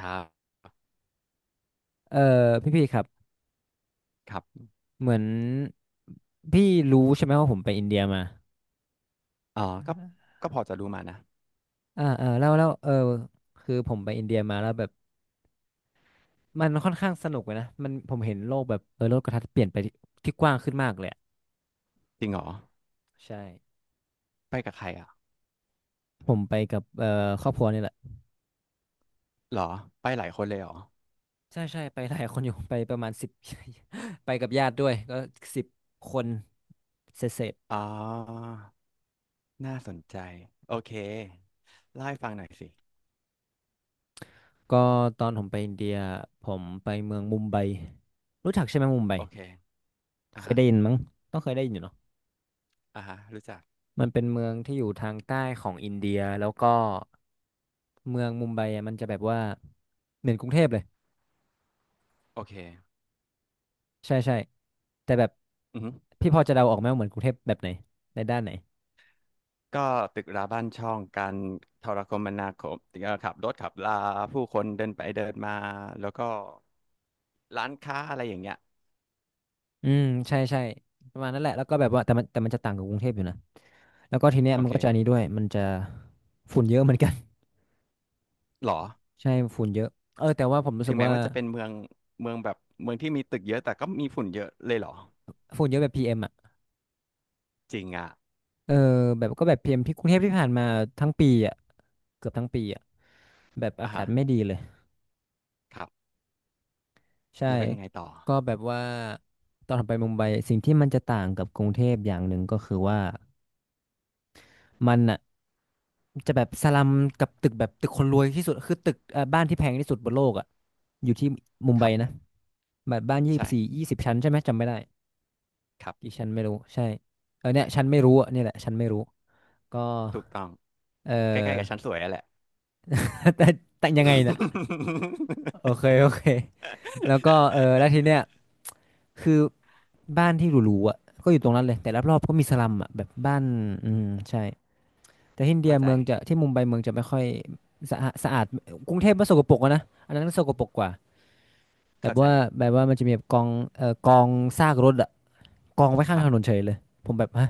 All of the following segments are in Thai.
ครับเออพี่พี่ครับครับเหมือนพี่รู้ใช่ไหมว่าผมไปอินเดียมาเออก็พอจะรู้มานะอ่าอ่าแล้วแล้วเออคือผมไปอินเดียมาแล้วแบบมันค่อนข้างสนุกเลยนะมันผมเห็นโลกแบบโลกกระทัดเปลี่ยนไปที่ที่กว้างขึ้นมากเลยอะจริงเหรอใช่ไปกับใครอ่ะผมไปกับครอบครัวนี่แหละเหรอไปหลายคนเลยเหรอใช่ใช่ไปหลายคนอยู่ ไปประมาณ10 ไปกับญาติด้วยก็10คนเสร็จอ๋อน่าสนใจโอเคเล่าให้ฟังหน่อยสิๆก็ตอนผมไปอินเดียผมไปเมืองมุมไบรู้จักใช่ไหมมุมไบโอเคอ่าเคยฮะได้ยินมั้งต้องเคยได้ยินอยู่เนาะ อ่าฮะรู้จักมันเป็นเมืองที่อยู่ทางใต้ของอินเดียแล้วก็เมืองมุมไบอะมันจะแบบว่าเหมือนกรุงเทพเลยโอเคใช่ใช่แต่แบบอือฮึพี่พอจะเดาออกไหมว่าเหมือนกรุงเทพแบบไหนในด้านไหนก็ตึกราบ้านช่องการโทรคมนาคมขับรถขับลาผู้คนเดินไปเดินมาแล้วก็ร้านค้าอะไรอย่างเงี้ยอืมใช่ใช่ประมาณนั้นแหละแล้วก็แบบว่าแต่มันจะต่างกับกรุงเทพอยู่นะแล้วก็ทีเนี้ยโอมันก็จะอันนี้เคด้วยมันจะฝุ่นเยอะเหมือนกัน เหรอ ใช่ฝุ่นเยอะเออแต่ว่าผมรู้สึถึงกแม้ว่าว่าจะเป็นเมืองเมืองแบบเมืองที่มีตึกเยอะแต่ก็มีฝุ่นเยอะเลยเหรอ ฝุ่นเยอะแบบ PM อมอ่ะจริงอ่ะเออแบบก็แบบพีเอ็มที่กรุงเทพที่ผ่านมาทั้งปีอ่ะเกือบทั้งปีอ่ะแบบอาอ่ากาฮะศไม่ดีเลย ครับใช่แล้วเป็นยังไงต่อก็แบบว่าตอนไปมุมไบสิ่งที่มันจะต่างกับกรุงเทพอย่างหนึ่งก็คือว่ามันอ่ะจะแบบสลัมกับตึกแบบตึกคนรวยที่สุดคือตึกบ้านที่แพงที่สุดบนโลกอ่ะอยู่ที่มุมคไบรับนะแบบบ้านยี่สใช่บสี่20ชั้นใช่ไหมจำไม่ได้ครักี่บ ชั้นไม่รู้ใช่เออเนี่ยชั้นไม่รู้อ่ะเนี่ยแหละชั้นไม่รู้ก็ถูกต้องเอใกล้ๆกัอ บชั้นสวยอะแหละ แต่แต่ยังไงน่ะโอเคโอเคแล้วก็เออแล้วทีเนี้ ยคือ บ้านที่หรูๆอ่ะก็อยู่ตรงนั้นเลยแต่รอบๆก็มีสลัมอ่ะแบบบ้านอืมใช่แต่ที่อินเดีเข้ายใจเมืองจะที่มุมไบเมืองจะไม่ค่อยสะอาดกรุงเทพมันสกปรกอะนะอันนั้นก็สกปรกกว่าแบเข้าบใจว่าแบบว่ามันจะมีแบบกองกองซากรถอ่ะกองไว้ข้าคงรัถนนบเฉยเลยผมแบบฮะ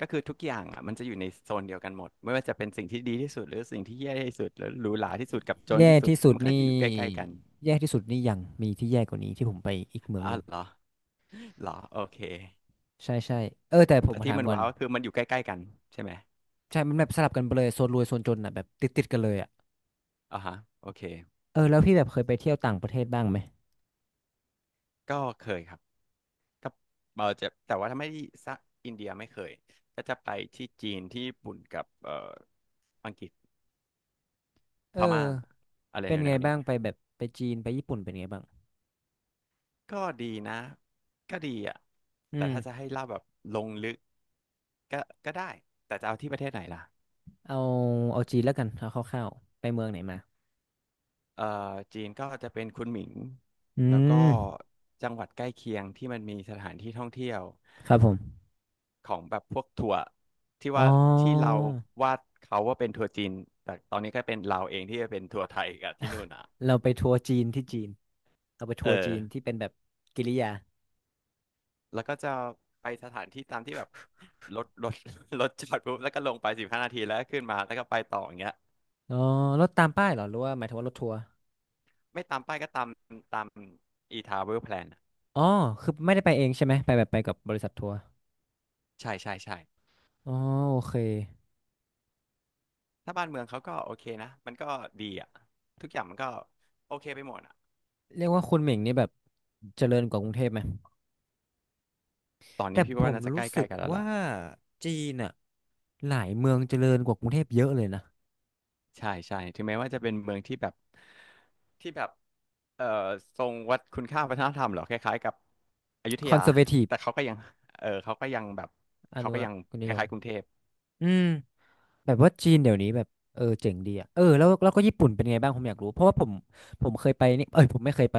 ก็คือทุกอย่างอ่ะมันจะอยู่ในโซนเดียวกันหมดไม่ว่าจะเป็นสิ่งที่ดีที่สุดหรือสิ่งที่แย่ที่สุดหรือหรูหราที่สุดกับจนแย่ที่สุดที่สุดมันก็นี่อยู่ใกล้ๆกันแย่ที่สุดนี่ยังมีที่แย่กว่านี้ที่ผมไปอีกเมืองหอานึ่วงเหรอเหรอโอเคใช่ใช่เออแต่ผมแต่มาที่ถามมันก่อนว้าวก็คือมันอยู่ใกล้ๆกันใช่ไหมใช่มันแบบสลับกันไปเลยโซนรวยโซนจนอ่ะแบบติดกันเลยอ่ะอ่าฮะโอเคเออแล้วพี่แบบเคยไปเที่ยวต่างประเทศบ้างไหม ก็เคยครับ ถ้าเราจะแต่ว่าถ้าไม่ที่ซะอินเดียไม่เคยก็จะไปที่จีนที่ญี่ปุ่นกับอังกฤษเออพม่าอะไรเป็นแนไงวๆเนี้บ้ายงไปแบบไปจีนไปญี่ปุ่นเป็นไงบ้างก็ดีนะก็ดีอ่ะอืแต่มถ้าจะให้เล่าแบบลงลึกก็ก็ได้แต่จะเอาที่ประเทศไหนล่ะเอาเอาจีนแล้วกันเอาคร่าวๆไปเมืองไหนมาเอ่อจีนก็จะเป็นคุนหมิงอืแล้วก็มจังหวัดใกล้เคียงที่มันมีสถานที่ท่องเที่ยว ครับผมของแบบพวกถั่วที่อ๋อว่าที่เราวาดเขาว่าเป็นถั่วจีนแต่ตอนนี้ก็เป็นเราเองที่จะเป็นถั่วไทยกับที่นู่นอ่ะเราไปทัวร์จีนที่จีนเราไปเอทัอวร์จีนที่เป็นแบบกิริยาแล้วก็จะไปสถานที่ตามที่แบบรถรถจอดปุ๊บแล้วก็ลงไป15 นาทีแล้วก็ขึ้นมาแล้วก็ไปต่ออย่างเงี้ยอ๋อรถตามป้ายเหรอหรือว่าหมายถึงว่ารถทัวร์ไม่ตามป้ายก็ตามตาม e-travel plan อะอ๋อคือไม่ได้ไปเองใช่ไหมไปแบบไปกับบริษัททัวร์ใช่ใช่ใช่อ๋อโอเคถ้าบ้านเมืองเขาก็โอเคนะมันก็ดีอ่ะทุกอย่างมันก็โอเคไปหมดอ่ะเรียกว่าคุณเหม่งนี่แบบเจริญกว่ากรุงเทพไหมตอนแต่นี้พี่ผว่ามน่าจะใกรู้สึล้กๆกันแล้วว่าล่ะจีนอะหลายเมืองเจริญกว่ากรุงเทพเยอะเลยนะ ใช่ใช่ถึงแม้ว่าจะเป็นเมืองที่แบบ ที่แบบเอ่อทรงวัดคุณค่าวัฒนธรรมเหรอคล้ายๆกับอยุธคอนยาเซอร์เวทีฟแต่เขาก็ยังเออเขาก็ยังแบบอเขานุก็รักยังษ์นิคยมล้ายๆกรุงเทพอืมแบบว่าจีนเดี๋ยวนี้แบบเออเจ๋งดีอ่ะเออแล้วก็ญี่ปุ่นเป็นไงบ้างผมอยากรู้เพราะว่าผมผมเคยไปนี่เอ้ยผมไม่เคยไป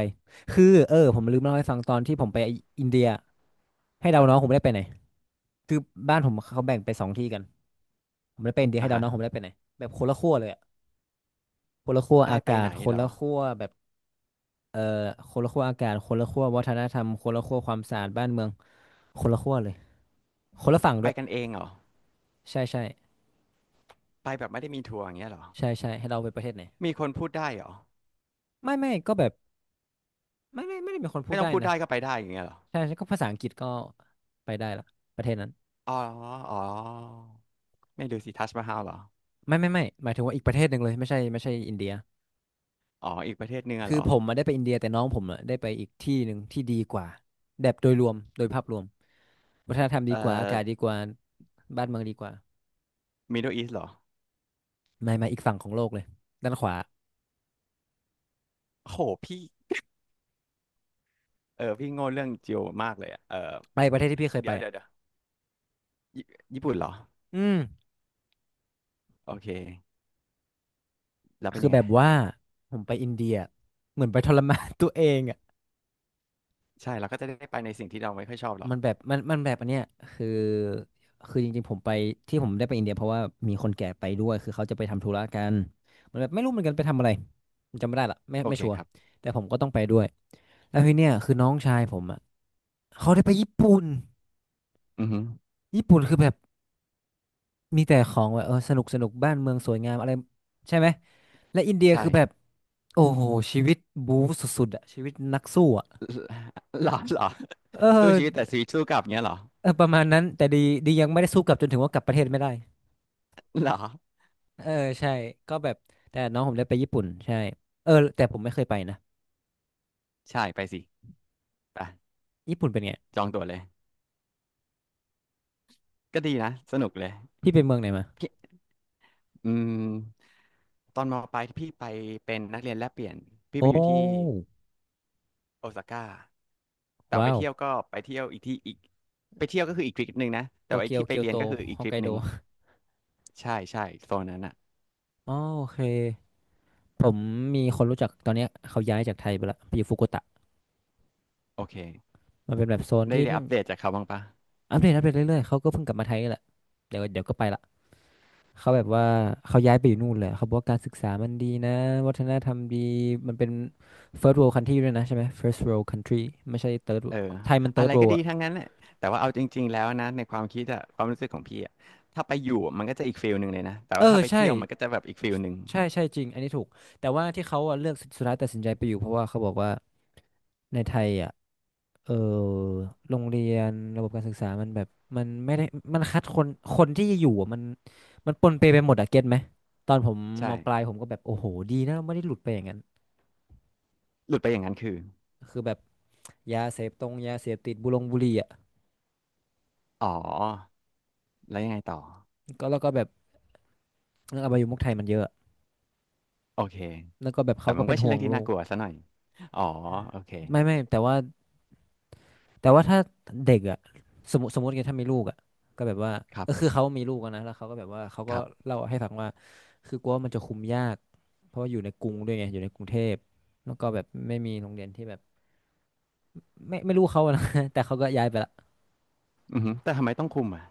คือเออผมลืมเล่าให้ฟังตอนที่ผมไปอินเดียให้คเดารัน้องผมบไม่ได้ไปไหนคือบ้านผมเขาแบ่งไป2ที่กันผมไม่ได้ไปอินเดียให้อ่ะเดาฮะน้องผมไม่ได้ไปไหนแบบคนละขั้วเลยอ่ะคนละขั้วได้อาไปกาไหศนคนเหรละอขั้วแบบเออคนละขั้วอากาศคนละขั้ววัฒนธรรมคนละขั้วความสะอาดบ้านเมืองคนละขั้วเลยคนละฝั่งไปด้วยกันเองเหรอใช่ใช่ไปแบบไม่ได้มีทัวร์อย่างเงี้ยเหรอใช่ใช่ให้เราไปประเทศไหน มีคนพูดได้เหรอไม่ก็แบบไม่ไม่ได้เป็นคนพูไม่ดต้อได้งพูดนะได้ก็ไปได้อย่างเงี้ยเหรอใช่ใช่ก็ภาษาอังกฤษก็ไปได้ละประเทศนั้นอ๋ออ๋อไม่ดูสิทัชมาฮาลเหรอไม่ไม่หมายถึงว่าอีกประเทศหนึ่งเลยไม่ใช่ไม่ใช่อินเดียอ๋ออีกประเทศหนึงอะคืเหรออผมมาได้ไปอินเดียแต่น้องผมอะได้ไปอีกที่หนึ่งที่ดีกว่าแบบโดยรวมโดยภาพรวมวัฒนธรรมดีเอ่อกว่าอากาศดีกว่าบ้านเมืองดีกว่ามิดเดิลอีสเหรอไม่มาอีกฝั่งของโลกเลยด้านขวาโหพี่เออพี่โง่เรื่องจิโอมากเลยอะเออไปประเทศที่พี่เคยเดี๋ไปยวเดี๋ยวอะเดี๋ยวญี่ญี่ปุ่นเหรออืมโอเค แล้วเป็นคือยังแบไงบว่าผมไปอินเดียเหมือนไปทรมาน ตัวเองอะ ใช่เราก็จะได้ไปในสิ่งที่เราไม่ค่อยชอบหรอกมันแบบอันเนี้ยคือคือจริงๆผมไปที่ผมได้ไปอินเดียเพราะว่ามีคนแก่ไปด้วยคือเขาจะไปทำธุระกันมันแบบไม่รู้เหมือนกันไปทำอะไรผมจำไม่ได้ละไม่โอไม่เคชัวร์ครับแต่ผมก็ต้องไปด้วยแล้วทีเนี้ยคือน้องชายผมอ่ะเขาได้ไปญี่ปุ่นอือฮึญี่ปุ่นคือแบบมีแต่ของแบบเออสนุกสนุกบ้านเมืองสวยงามอะไรใช่ไหมและอินเดียใช่ คือแบบโอ้โหชีวิตบู๊สุดๆอ่ะชีวิตนักสู้อ่ะ หรอหรอเออสู้ชีวิตแต่ชีวิตสู้กลับเงี้ยเหรอเออประมาณนั้นแต่ดียังไม่ได้สู้กลับจนถึงว่ากลับประเทศไม่ได้ หรอเออใช่ก็แบบแต่น้องผมได้ไปญี่ปุ่นใช่เออแต่ผมไม่เคยไปนะใช่ไปสิไปญี่ปุ่นเป็นไงจองตั๋วเลยก็ดีนะสนุกเลยพี่ไปเมืองไหนมาพี่อืมตอนมปลายพี่ไปเป็นนักเรียนแลกเปลี่ยนพี่โอ้ไปอยู่ที่โอซาก้าแต่ไปว้าวเที่ยวก็ไปเที่ยวอีกที่อีกไปเที่ยวก็คืออีกทริปหนึ่งนะแต่โตว่าไอ้เกียวที่ไปเกียวเรียโตนก็คืออีกฮอทกริไกปหโดนึ่งใช่ใช่โซนนั้นอ่ะอ๋อโอเคผมมีคนรู้จักตอนเนี้ยเขาย้ายจากไทยไปละไปอยู่ฟุกุโอกตะโอเคมันเป็นแบบโซนได้ที่ได้อัปเดตจากเขาบ้างปะ อัปเดตอัปเดตเรื่อยๆเขาก็เพิ่งกลับมาไทยนี่แหละเดี๋ยวเดี๋ยวก็ไปละเขาแบบว่าเขาย้ายไปอยู่นู่นเลยเขาบอกว่าการศึกษามันดีนะวัฒนธรรมดีมันเป็น first world country ด้วยนะใช่ไหม first world country ไม่ใช่ third เอ world อไทยมัน อะไร third ก็ world ดีอ่ะทั้งนั้นแหละแต่ว่าเอาจริงๆแล้วนะในความคิดอะความรู้สึกของพี่อะถ้าไปอยู่มันก็จะอีกฟีลหนึ่งเลยนะแต่เอว่าอถ้าไปใช่ เที่ยวมันก็จะแบบอีกฟีลหนึ่งใช่ใช่จริงอันนี้ถูกแต่ว่าที่เขาอะเลือกสุดท้ายตัดสินใจไปอยู่เพราะว่าเขาบอกว่าในไทยอ่ะเออโรงเรียนระบบการศึกษามันแบบมันไม่ได้มันคัดคนคนที่อยู่อะมันมันปนเปไปหมดอะเก็ตไหมตอนผมใช่มปลายผมก็แบบโอ้โหดีนะเราไม่ได้หลุดไปอย่างนั้นหลุดไปอย่างนั้นคือคือแบบยาเสพตรงยาเสพติดบุรงบุหรี่อ่ะอ๋อแล้วยังไงต่อก็แล้วก็แบบเรื่องอบายมุขไทยมันเยอะโอเคแล้วก็แบบแต่เขามัก็นเป็ไม่นใช่ห่วเรื่องงที่ลูน่ากกลัวซะหน่อยอ๋อโอเคไม่แต่ว่าถ้าเด็กอ่ะสมมติไงถ้ามีลูกอ่ะก็แบบว่าครัเออคือบเขามีลูกอะนะแล้วเขาก็แบบว่าเขาคก็รับเล่าให้ฟังว่าคือกลัวว่ามันจะคุมยากเพราะว่าอยู่ในกรุงด้วยไงอยู่ในกรุงเทพแล้วก็แบบไม่มีโรงเรียนที่แบบไม่รู้เขาอะนะ แต่เขาก็ย้ายไปละอือฮึแต่ทำไมต้องคุมอะ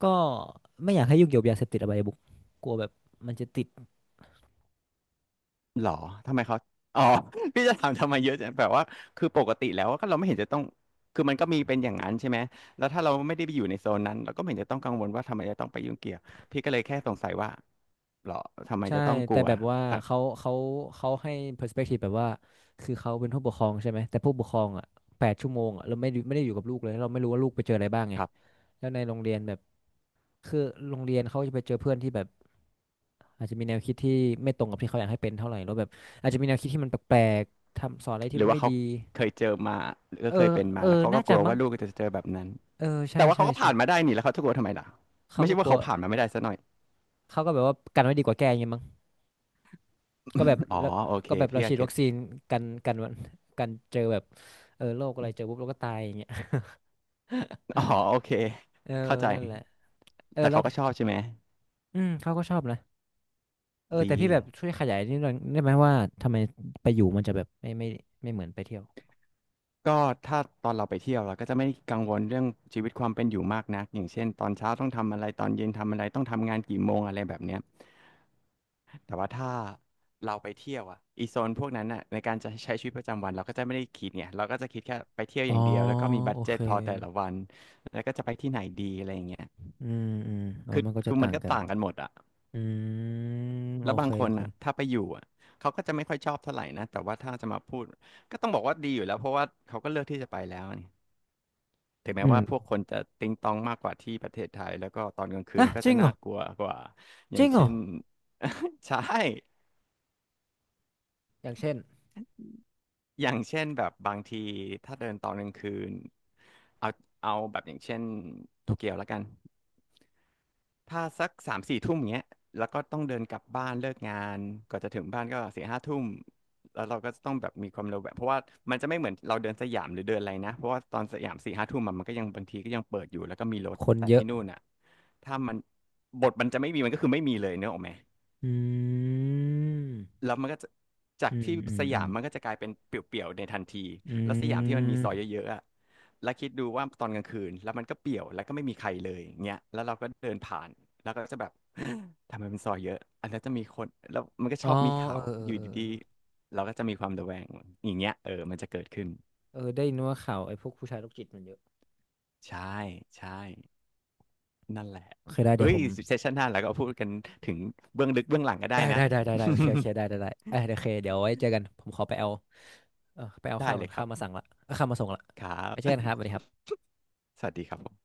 ก็ไม่อยากให้ยุ่งเกี่ยวกับยาเสพติดอบายมุขกลัวแบบมันจะติดหรอทำไมเขาอ๋อ พี่จะถามทำไมเยอะจังแบบว่าคือปกติแล้วก็เราไม่เห็นจะต้องคือมันก็มีเป็นอย่างนั้นใช่ไหมแล้วถ้าเราไม่ได้ไปอยู่ในโซนนั้นเราก็ไม่เห็นจะต้องกังวลว่าทำไมจะต้องไปยุ่งเกี่ยวพี่ก็เลยแค่สงสัยว่าหรอทำไมใช่จะต้องกแต่ลัวแบบว่าทั้งเขาให้ perspective แบบว่าคือเขาเป็นผู้ปกครองใช่ไหมแต่ผู้ปกครองอ่ะแปดชั่วโมงอ่ะเราไม่ได้อยู่กับลูกเลยแล้วเราไม่รู้ว่าลูกไปเจออะไรบ้างไงครับแล้วในโรงเรียนแบบ คือโรงเรียนเขาจะไปเจอเพื่อนที่แบบอาจจะมีแนวคิดที่ไม่ตรงกับที่เขาอยากให้เป็นเท่าไหร่แล้วแบบอาจจะมีแนวคิดที่มันแปลกๆทำสอนอะไรหที่รือมันว่าไม่เขาดีเคยเจอมาหรือเออเคยเป็นเอมาอแล้วเขาน่าก็กจะลัวมั้งว่าลูกจะเจอแบบนั้นเออใช่แต่ว่าเขาใช่ก็ใช่ผ่านมาได้นี่แล้วเขาจะกลัวทำไมล่ะเขาไม่ก็ใช่กว่าลัเขาวผ่านมาไม่ได้ซะหน่อยเขาก็แบบว่ากันไว้ดีกว่าแก้อย่างเงี้ยมั้งก็แบบอ๋อแล้วโอเคก็แบบเราพี่ก็ฉีดเก็วัคตซีนกันวันกันเจอแบบเออโรคอะไรเจอปุ๊บเราก็ตายอย่างเงี้ยอ๋อโอเคเออเข้าใจนั่นแหละเออแต่แล้เขาวก็ชอบใช่ไหมอืมเขาก็ชอบนะเออดี แต่พี่แบบช่วยขยายนิดหน่อยได้ไหมว่าทำไมไปอยู่มันจะแบบไม่เหมือนไปเที่ยวก็ถ้าตอนเราไปเที่ยวเราก็จะไม่กังวลเรื่องชีวิตความเป็นอยู่มากนักอย่างเช่นตอนเช้าต้องทำอะไรตอนเย็นทำอะไรต้องทำงานกี่โมงอะไรแบบเนี้ยแต่ว่าถ้าเราไปเที่ยวอ่ะอีโซนพวกนั้นอ่ะในการจะใช้ชีวิตประจำวันเราก็จะไม่ได้คิดไงเราก็จะคิดแค่ไปเที่ยวอ๋ออย่างเดียวแล้วก็มีบัโอดเจ็เค ตพอแต่ละวันแล้วก็จะไปที่ไหนดีอะไรอย่างเงี้ยอืมอืมอ๋อคือมันก็จะคือมัต่านงก็กันต่างกันหมดอ่ะอืมโอแล้วบาเคงคโอนเคอ่ะถ้าไปอยู่อ่ะเขาก็จะไม่ค่อยชอบเท่าไหร่นะแต่ว่าถ้าจะมาพูดก็ต้องบอกว่าดีอยู่แล้วเพราะว่าเขาก็เลือกที่จะไปแล้วนี่ ถึงแม้อืว่าพวกมคนจะติงตองมากกว่าที่ประเทศไทยแล้วก็ตอนกลางคืนอ่ะก็จริจะงเหรน่าอกลัวกว่าอจย่าริงงเหรเช่อน ใช่อย่างเช่นอย่างเช่นแบบบางทีถ้าเดินตอนกลางคืนเอาเอาแบบอย่างเช่นโตเกียวแล้วกัน ถ้าสักสามสี่ทุ่มเงี้ยแล้วก็ต้องเดินกลับบ้านเลิกงานกว่อนจะถึงบ้านก็สี่ห้าทุ่มแล้วเราก็ต้องแบบมีความเร็วแบบเพราะว่ามันจะไม่เหมือนเราเดินสยามหรือเดินอะไรนะเพราะว่าตอนสยามสี่ห้าทุ่มอะมันก็ยังบางทีก็ยังเปิดอยู่แล้วก็มีรถคนแต่เยอะที่นู่นอ่ะถ้ามันบทมันจะไม่มีมันก็คือไม่มีเลยเนกอะไหม อืมแล้วมันก็จะจากอืมที่อืมสอืยามมมันก็จะกลายเป็นเปลี่ยวๆในทันทีอืแล้วสยามที่มันมีซอยมเยอะๆอะแล้วคิดดูว่าตอนกลางคืนแล้วมันก็เปลี่ยวแล้วก็ไม่มีใครเลยเงี้ยแล้วเราก็เดินผ่านแล้วก็จะแบบ ทำไมเป็นซอยเยอะอันนั้นจะมีคนแล้วมันก็อ๋ชออบมีเอข่าวอเอออยู่เออดีๆเราก็จะมีความระแวงอย่างเงี้ยเออมันจะเกิดขึ้นเออเออได้ยินว่าข่าวไอ้พวกผู้ชายโรคจิตมันเยอะใช่ใช่นั่นแหละโอเคได้เดี๋เฮ้ยวยผมเซสชันหน้าเราก็พูดกันถึงเบื้องลึกเบื้องหลังก็ได้ได้นะ ได้ได้ได้ได้โอเคโอเคได้ได้ได้เออโอเคเดี๋ยวไว้เจอกันผมขอไปเอาเออไปเอา ได้ข้าวเลก่อนยครัข้าวมาสั่บงละเออข้าวมาส่งละครับ ไว้เจอกันครับสวัสดีครั บสวัสดีครับผม